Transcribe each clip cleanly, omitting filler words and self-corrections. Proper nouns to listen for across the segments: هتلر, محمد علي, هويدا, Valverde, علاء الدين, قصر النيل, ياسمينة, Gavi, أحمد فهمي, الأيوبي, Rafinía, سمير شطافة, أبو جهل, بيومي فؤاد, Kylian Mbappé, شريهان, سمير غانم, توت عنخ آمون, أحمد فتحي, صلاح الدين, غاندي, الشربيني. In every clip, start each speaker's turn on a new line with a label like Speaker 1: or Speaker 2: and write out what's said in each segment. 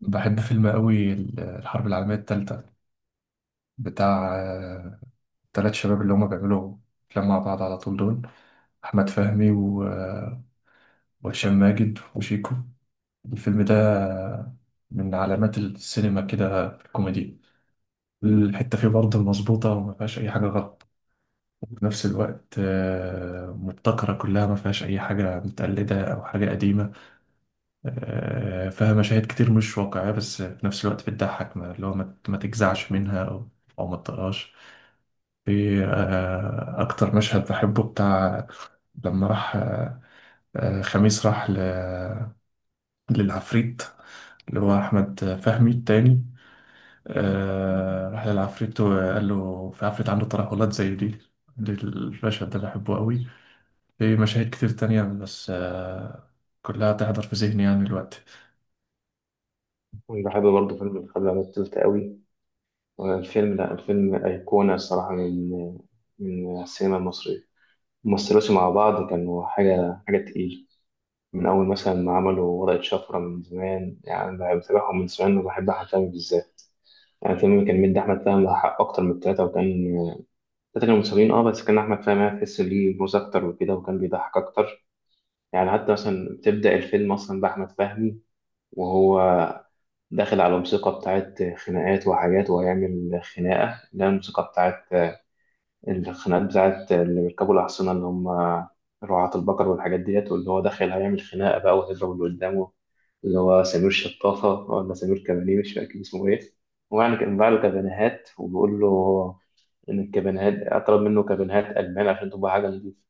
Speaker 1: بحب فيلم قوي الحرب العالمية التالتة بتاع التلات شباب اللي هما بيعملوا أفلام مع بعض على طول دول أحمد فهمي وهشام ماجد وشيكو. الفيلم ده من علامات السينما كده في الكوميدي. الحتة فيه برضه مظبوطة وما فيهاش أي حاجة غلط، وفي نفس الوقت مبتكرة كلها، ما فيهاش أي حاجة متقلدة أو حاجة قديمة. فيها مشاهد كتير مش واقعية، بس في نفس الوقت بتضحك، اللي هو ما تجزعش منها أو ما تطقهاش. في أكتر مشهد بحبه بتاع لما راح خميس راح للعفريت اللي هو أحمد فهمي التاني. راح للعفريت وقال له في عفريت عنده ترهلات زي دي. المشهد ده بحبه قوي. في مشاهد كتير تانية بس كلها تحضر في ذهني يعني دلوقتي.
Speaker 2: بحب برضه فيلم الخبر على التلت قوي. الفيلم، لا الفيلم أيقونة الصراحة من السينما المصرية. ممثلوش مع بعض، كانوا حاجة حاجة تقيلة. من أول مثلا ما عملوا ورقة شفرة من زمان، يعني بتابعهم من زمان وبحب أحمد فهمي بالذات. يعني الفيلم كان مدي أحمد فهمي حق أكتر من التلاتة، وكان التلاتة كانوا متساويين بس كان أحمد فهمي هتحس ليه موز أكتر وكده، وكان بيضحك أكتر. يعني حتى مثلا بتبدأ الفيلم أصلا بأحمد فهمي وهو داخل على موسيقى بتاعت خناقات وحاجات، وهيعمل خناقة، اللي هي الموسيقى بتاعت الخناقات بتاعت اللي بيركبوا الأحصنة، اللي هم رعاة البقر والحاجات ديت. واللي هو داخل هيعمل خناقة بقى وهيضرب اللي قدامه، اللي هو سمير شطافة ولا سمير كبانيه، مش فاكر اسمه إيه. ويعني كان باع له كابانيهات وبيقول له إن الكابانيهات طلب منه كابانيهات ألمان عشان تبقى حاجة نضيفة،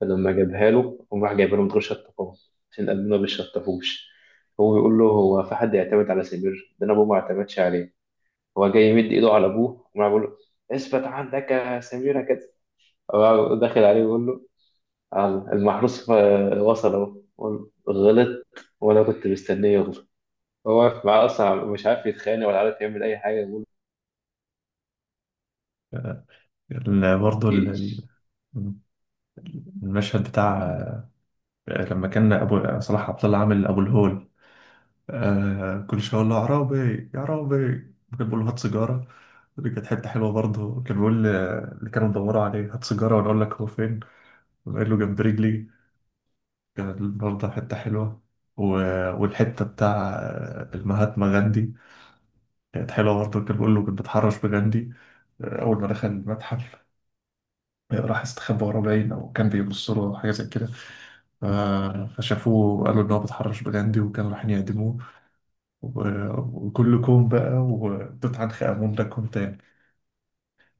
Speaker 2: فلما جابها له قام راح جايبها له من غير شطفها، عشان قلبنا ما بيشطفوش. هو بيقول له، هو في حد يعتمد على سمير ده؟ انا ابوه ما اعتمدش عليه. هو جاي يمد ايده على ابوه، وراح بيقول له اثبت عندك يا سمير كده. هو داخل عليه بيقول له المحروس وصل اهو"، بيقول له، غلط. وانا كنت مستنيه يغلط. هو واقف معاه اصلا مش عارف يتخانق ولا عارف يعمل اي حاجه، بيقول له
Speaker 1: برضه
Speaker 2: "إيه؟".
Speaker 1: المشهد بتاع لما كان ابو صلاح عبد الله عامل ابو الهول، آه كل شويه يقول له يا عرابي يا عرابي، كان بيقول له هات سيجاره. دي كانت حته حلوه برضه، كان بيقول اللي كانوا بيدوروا عليه هات سيجاره وانا اقول لك هو فين، قال له جنب رجلي. كانت برضه حته حلوه. و... والحته بتاع المهاتما غاندي كانت حلوه برضه، كان بيقول له كنت بتحرش بغاندي. اول ما دخل المتحف، راح استخبى وراه باين او كان بيبص له حاجه زي كده، فشافوه وقالوا إن هو بيتحرش بغاندي وكانوا رايحين يعدموه. و- وكلكم بقى. وتوت عنخ آمون ده كون تاني،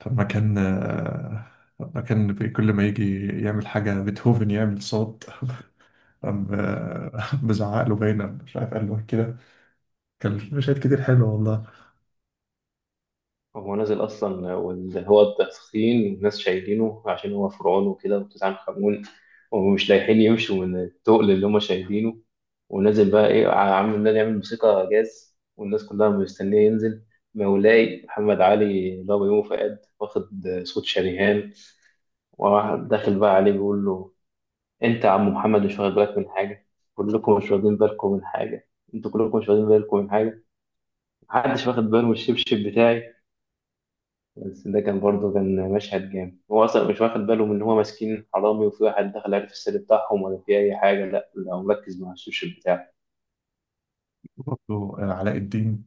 Speaker 1: لما كان لما كان كل ما يجي يعمل حاجة بيتهوفن يعمل صوت قام بزعق له باينة مش عارف قال له إيه كده. كان في مشاهد كتير حلوة والله.
Speaker 2: هو نازل أصلا، واللي هو التسخين والناس شايلينه عشان هو فرعون وكده وتسعة خمون، ومش لايحين يمشوا من التقل اللي هما شايلينه. ونازل بقى إيه، عامل نازل يعمل موسيقى جاز، والناس كلها مستنية ينزل. مولاي محمد علي اللي هو بيومي فؤاد، واخد صوت شريهان. وواحد داخل بقى عليه بيقول له، أنت يا عم محمد مش واخد بالك من حاجة، كلكم مش واخدين بالكم من حاجة، أنتوا كلكم مش واخدين بالكم من حاجة، محدش واخد باله من الشبشب بتاعي. بس ده كان برضه كان مشهد جامد. هو اصلا مش واخد باله من ان هو ماسكين حرامي، وفي واحد دخل عارف السر بتاعهم، ولا في اي حاجه. لا لا، هو مركز مع السوشيال بتاعه.
Speaker 1: برضه علاء الدين.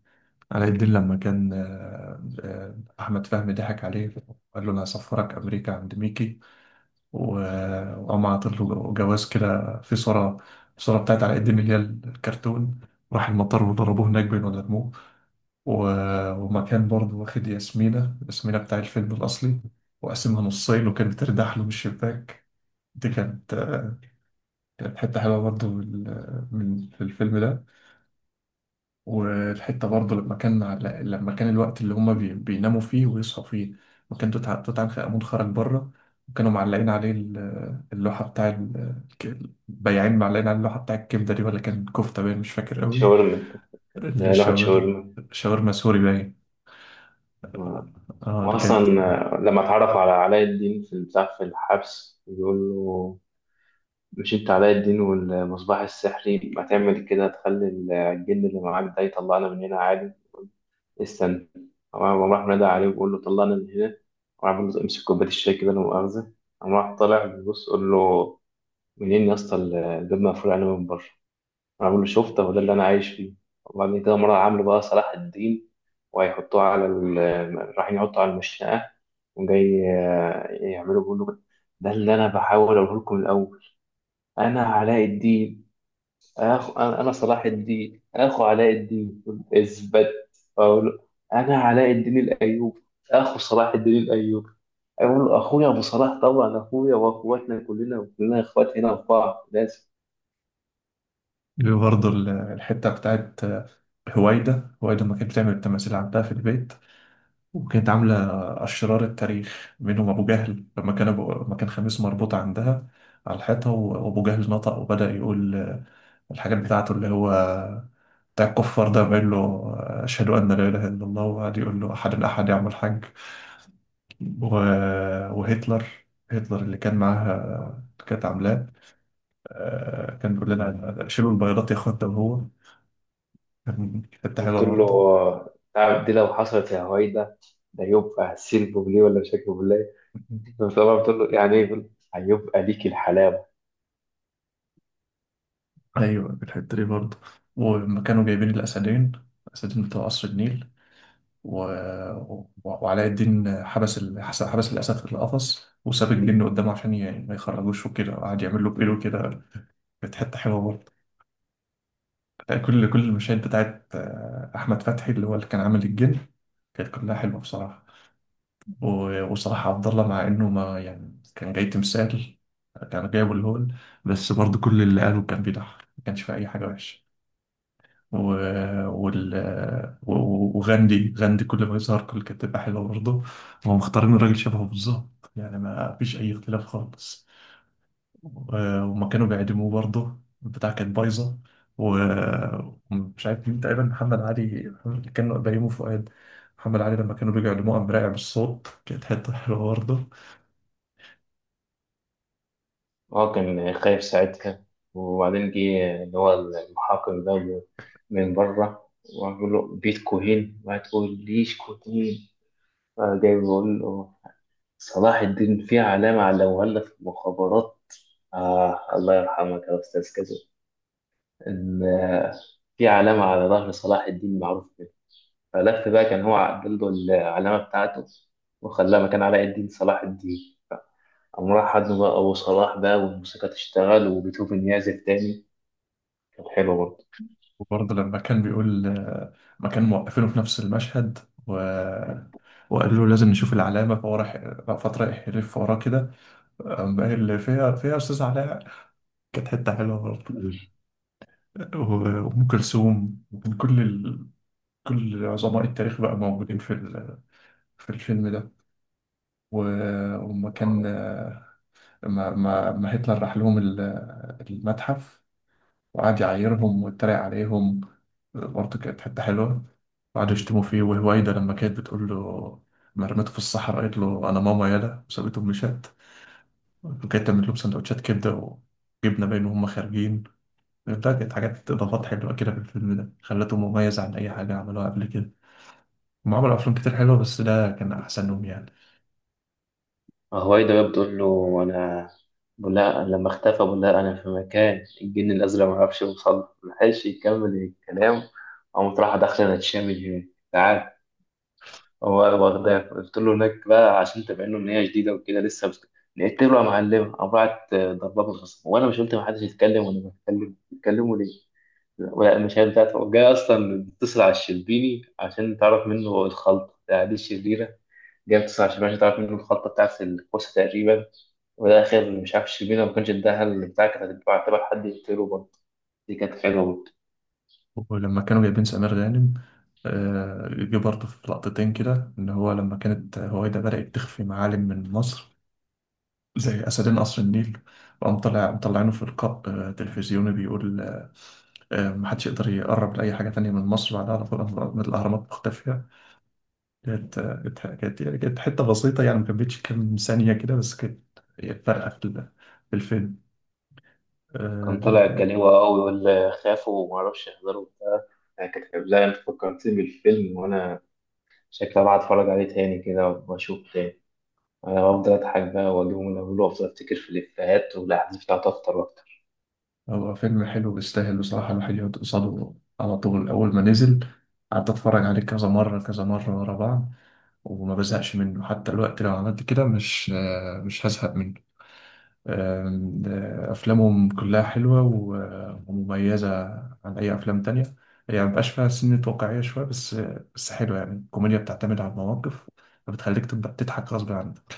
Speaker 1: علاء الدين لما كان أحمد فهمي ضحك عليه، قال له أنا هسفرك أمريكا عند ميكي، وقام عاطل له جواز كده في صورة، الصورة بتاعت على قد ما هي الكرتون. راح المطار وضربوه هناك بين ولا رموه. ومكان برضه واخد ياسمينة، ياسمينة بتاع الفيلم الأصلي وقسمها نصين وكانت بتردح له من الشباك. دي كانت، كانت حتة حلوة برضه من في الفيلم ده. والحتة برضه لما كان لما كان الوقت اللي هما بيناموا فيه ويصحوا فيه، وكان توت عنخ آمون خرج بره، وكانوا معلقين عليه اللوحة بتاع البياعين، معلقين على اللوحة بتاع الكبدة دي، ولا كان كفتة باين مش فاكر قوي.
Speaker 2: شاورما كانت، لوحه
Speaker 1: الشاور
Speaker 2: شاورما.
Speaker 1: شاورما سوري باين.
Speaker 2: آه.
Speaker 1: اه. دي
Speaker 2: واصلا
Speaker 1: كانت
Speaker 2: لما اتعرف على علاء الدين في البتاع في الحبس، بيقول له مش انت علاء الدين والمصباح السحري، ما تعمل كده، تخلي الجن اللي معاك ده يطلعنا من هنا عادي. استنى. قام راح نادى عليه وبيقول له طلعنا من هنا، وراح بيقول له امسك كوباية الشاي كده لا مؤاخذة. قام راح طالع بيبص، قول له منين يا اسطى، الباب مقفول علينا من بره. راح بيقول له شفت، هو ده اللي انا عايش فيه. وبعدين كده مرة عامله بقى صلاح الدين، وهيحطوه على ال... رايحين يحطوا على المشنقة، وجاي يعملوا، بيقول له ده اللي انا بحاول اقوله لكم من الاول، انا علاء الدين. انا صلاح الدين اخو علاء الدين. اثبت. اقول له انا علاء الدين الايوبي اخو صلاح الدين الايوبي. اقول له اخويا ابو صلاح، طبعا اخويا، واخواتنا كلنا، كلنا اخوات هنا في بعض لازم.
Speaker 1: برضه الحتة بتاعت هوايدا. ما كانت بتعمل التماثيل عندها في البيت، وكانت عاملة أشرار التاريخ منهم أبو جهل. لما لما كان خميس مربوط عندها على الحيطة، وأبو جهل نطق وبدأ يقول الحاجات بتاعته اللي هو بتاع الكفار ده، بيقول له أشهد أن لا إله إلا الله، وقعد يقول له أحد أحد يعمل حج. و... وهتلر، اللي كان معاها، اللي كانت عاملاه، كان بيقول لنا شيلوا البيضات يا اخوات ده. وهو كان، كانت حلوة
Speaker 2: قلت له
Speaker 1: برضه.
Speaker 2: تعرف دي لو حصلت يا هويدا ده يبقى سلب ليه ولا مش هكذب ليه؟ طبعا قلت له يعني ايه، يقول هيبقى ليك الحلاوه.
Speaker 1: ايوه، بالحته دي برضه، ولما كانوا جايبين الاسدين، الاسدين بتوع قصر النيل، و... و... وعلاء الدين حبس حبس الاسد في القفص وساب الجن قدامه عشان ما يخرجوش وكده، وقعد يعمل له بإيده كده. كانت حته حلوه برضه. كل المشاهد بتاعت احمد فتحي اللي هو اللي كان عامل الجن كانت كلها حلوه بصراحه. و... وصراحه عبد الله، مع انه ما يعني كان جاي تمثال، كان جايبه الهول، بس برضه كل اللي قاله كان بيضحك ما كانش في اي حاجه وحشه. و... وال... وغاندي، كل ما يظهر كل كانت تبقى حلوة برضه. هم مختارين راجل شبهه بالظبط يعني ما فيش أي اختلاف خالص. و... وما كانوا بيعدموه برضه البتاع كانت بايظة. و- ومش عارف مين تقريبا، محمد علي، محمد كانوا بيومي فؤاد. محمد علي لما كانوا بيجوا يعلموه قام راجع بالصوت، كانت حتة حلوة برضه.
Speaker 2: هو كان خايف ساعتها. وبعدين جه اللي هو المحقق ده من بره، وعمل له بيتكو هين ما تقوليش كوتين. فجاي بيقول له، صلاح الدين فيه علامة علموها لنا في المخابرات، آه الله يرحمك يا أستاذ كذا، إن في علامة على ظهر صلاح الدين معروف كده. فلف بقى، كان هو عدل له العلامة بتاعته وخلاها مكان علاء الدين صلاح الدين. قام راح حضنه بقى أبو صلاح بقى، والموسيقى تشتغل وبيتهوفن يعزف تاني. كانت حلوة برضه.
Speaker 1: وبرضه لما كان بيقول، ما كانوا موقفينه في نفس المشهد، و... وقال له لازم نشوف العلامة، فهو راح فترة يلف وراه كده، أما اللي فيها فيها أستاذ علاء. كانت حتة حلوة برضه. وأم كلثوم، وكان كل كل عظماء التاريخ بقى موجودين في في الفيلم ده. و... وما كان، ما هتلر راح لهم المتحف وقعد يعايرهم ويتريق عليهم، برضه كانت حتة حلوة. وقعدوا يشتموا فيه، وهوايدا لما كانت بتقول له ما رميته في الصحراء، قالت له أنا ماما يالا وسابته مشات. وكانت تعمل لهم سندوتشات كبدة وجبنة باين وهم خارجين. ده كانت حاجات إضافات حلوة كده في الفيلم ده، خلته مميز عن أي حاجة عملوها قبل كده. هم عملوا أفلام كتير حلوة بس ده كان أحسنهم يعني.
Speaker 2: هوايدا بقى بتقول له أنا، بقول لها لما اختفى بقول لها أنا في مكان الجن الأزرق، ما عرفش يوصل له. ما لحقش يكمل الكلام. قامت رايحة داخلة تشامل هناك، تعال. هو واخداك قلت له هناك بقى عشان تبين له إن هي جديدة وكده لسه. بس لقيت له يا معلم قام بعت ضربات بالرصاص، وأنا مش قلت محدش يتكلم وأنا بتكلم، بتكلموا ليه؟ لا مش هي بتاعته، جاي أصلا بتصل على الشربيني عشان تعرف منه الخلطة بتاع دي الشريرة. جاب 29 ماشي، تعرف منه الخلطة بتاعت الكوسة تقريبا. وفي الآخر مش عارف الشربينة ما كانش اداها اللي بتاع، كانت هتبقى حد يقتله برضه. دي كانت حلوة برضه.
Speaker 1: ولما كانوا جايبين سمير غانم، جه برضه في لقطتين كده، إن هو لما كانت هويدا بدأت تخفي معالم من مصر زي أسدين قصر النيل، وقام طلع مطلعينه في لقاء تلفزيوني بيقول محدش يقدر يقرب لأي حاجة تانية من مصر بعدها على طول، أهرامات مختفية. كانت كانت حتة بسيطة يعني ما كملتش كام ثانية كده، بس كانت هي فارقة في في الفيلم. آه،
Speaker 2: كان طالع
Speaker 1: ال-
Speaker 2: كليوة أوي ولا خافوا ومعرفش يحضروا بتاع. كانت حلوة. زي أنت فكرتني بالفيلم، وأنا شكلي بقى أتفرج عليه تاني كده وأشوف تاني. أنا بفضل أضحك بقى وأجيبه من أوله، وأفضل أفتكر في الإفيهات والأحداث بتاعته أكتر وأكتر.
Speaker 1: هو فيلم حلو بيستاهل بصراحة الواحد يقعد قصاده. على طول أول ما نزل قعدت أتفرج عليه كذا مرة كذا مرة ورا بعض، وما بزهقش منه. حتى الوقت لو عملت كده مش مش هزهق منه. آم، آه، أفلامهم كلها حلوة ومميزة عن أي أفلام تانية. هي يعني مبقاش فيها سنة واقعية شوية بس، بس حلوة. يعني الكوميديا بتعتمد على المواقف فبتخليك تبقى تضحك غصب عنك.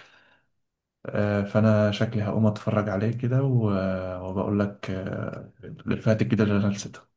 Speaker 1: فأنا شكلي هقوم أتفرج عليه كده وبقول لك الإفيهات الجديدة اللي أنا نسيتها.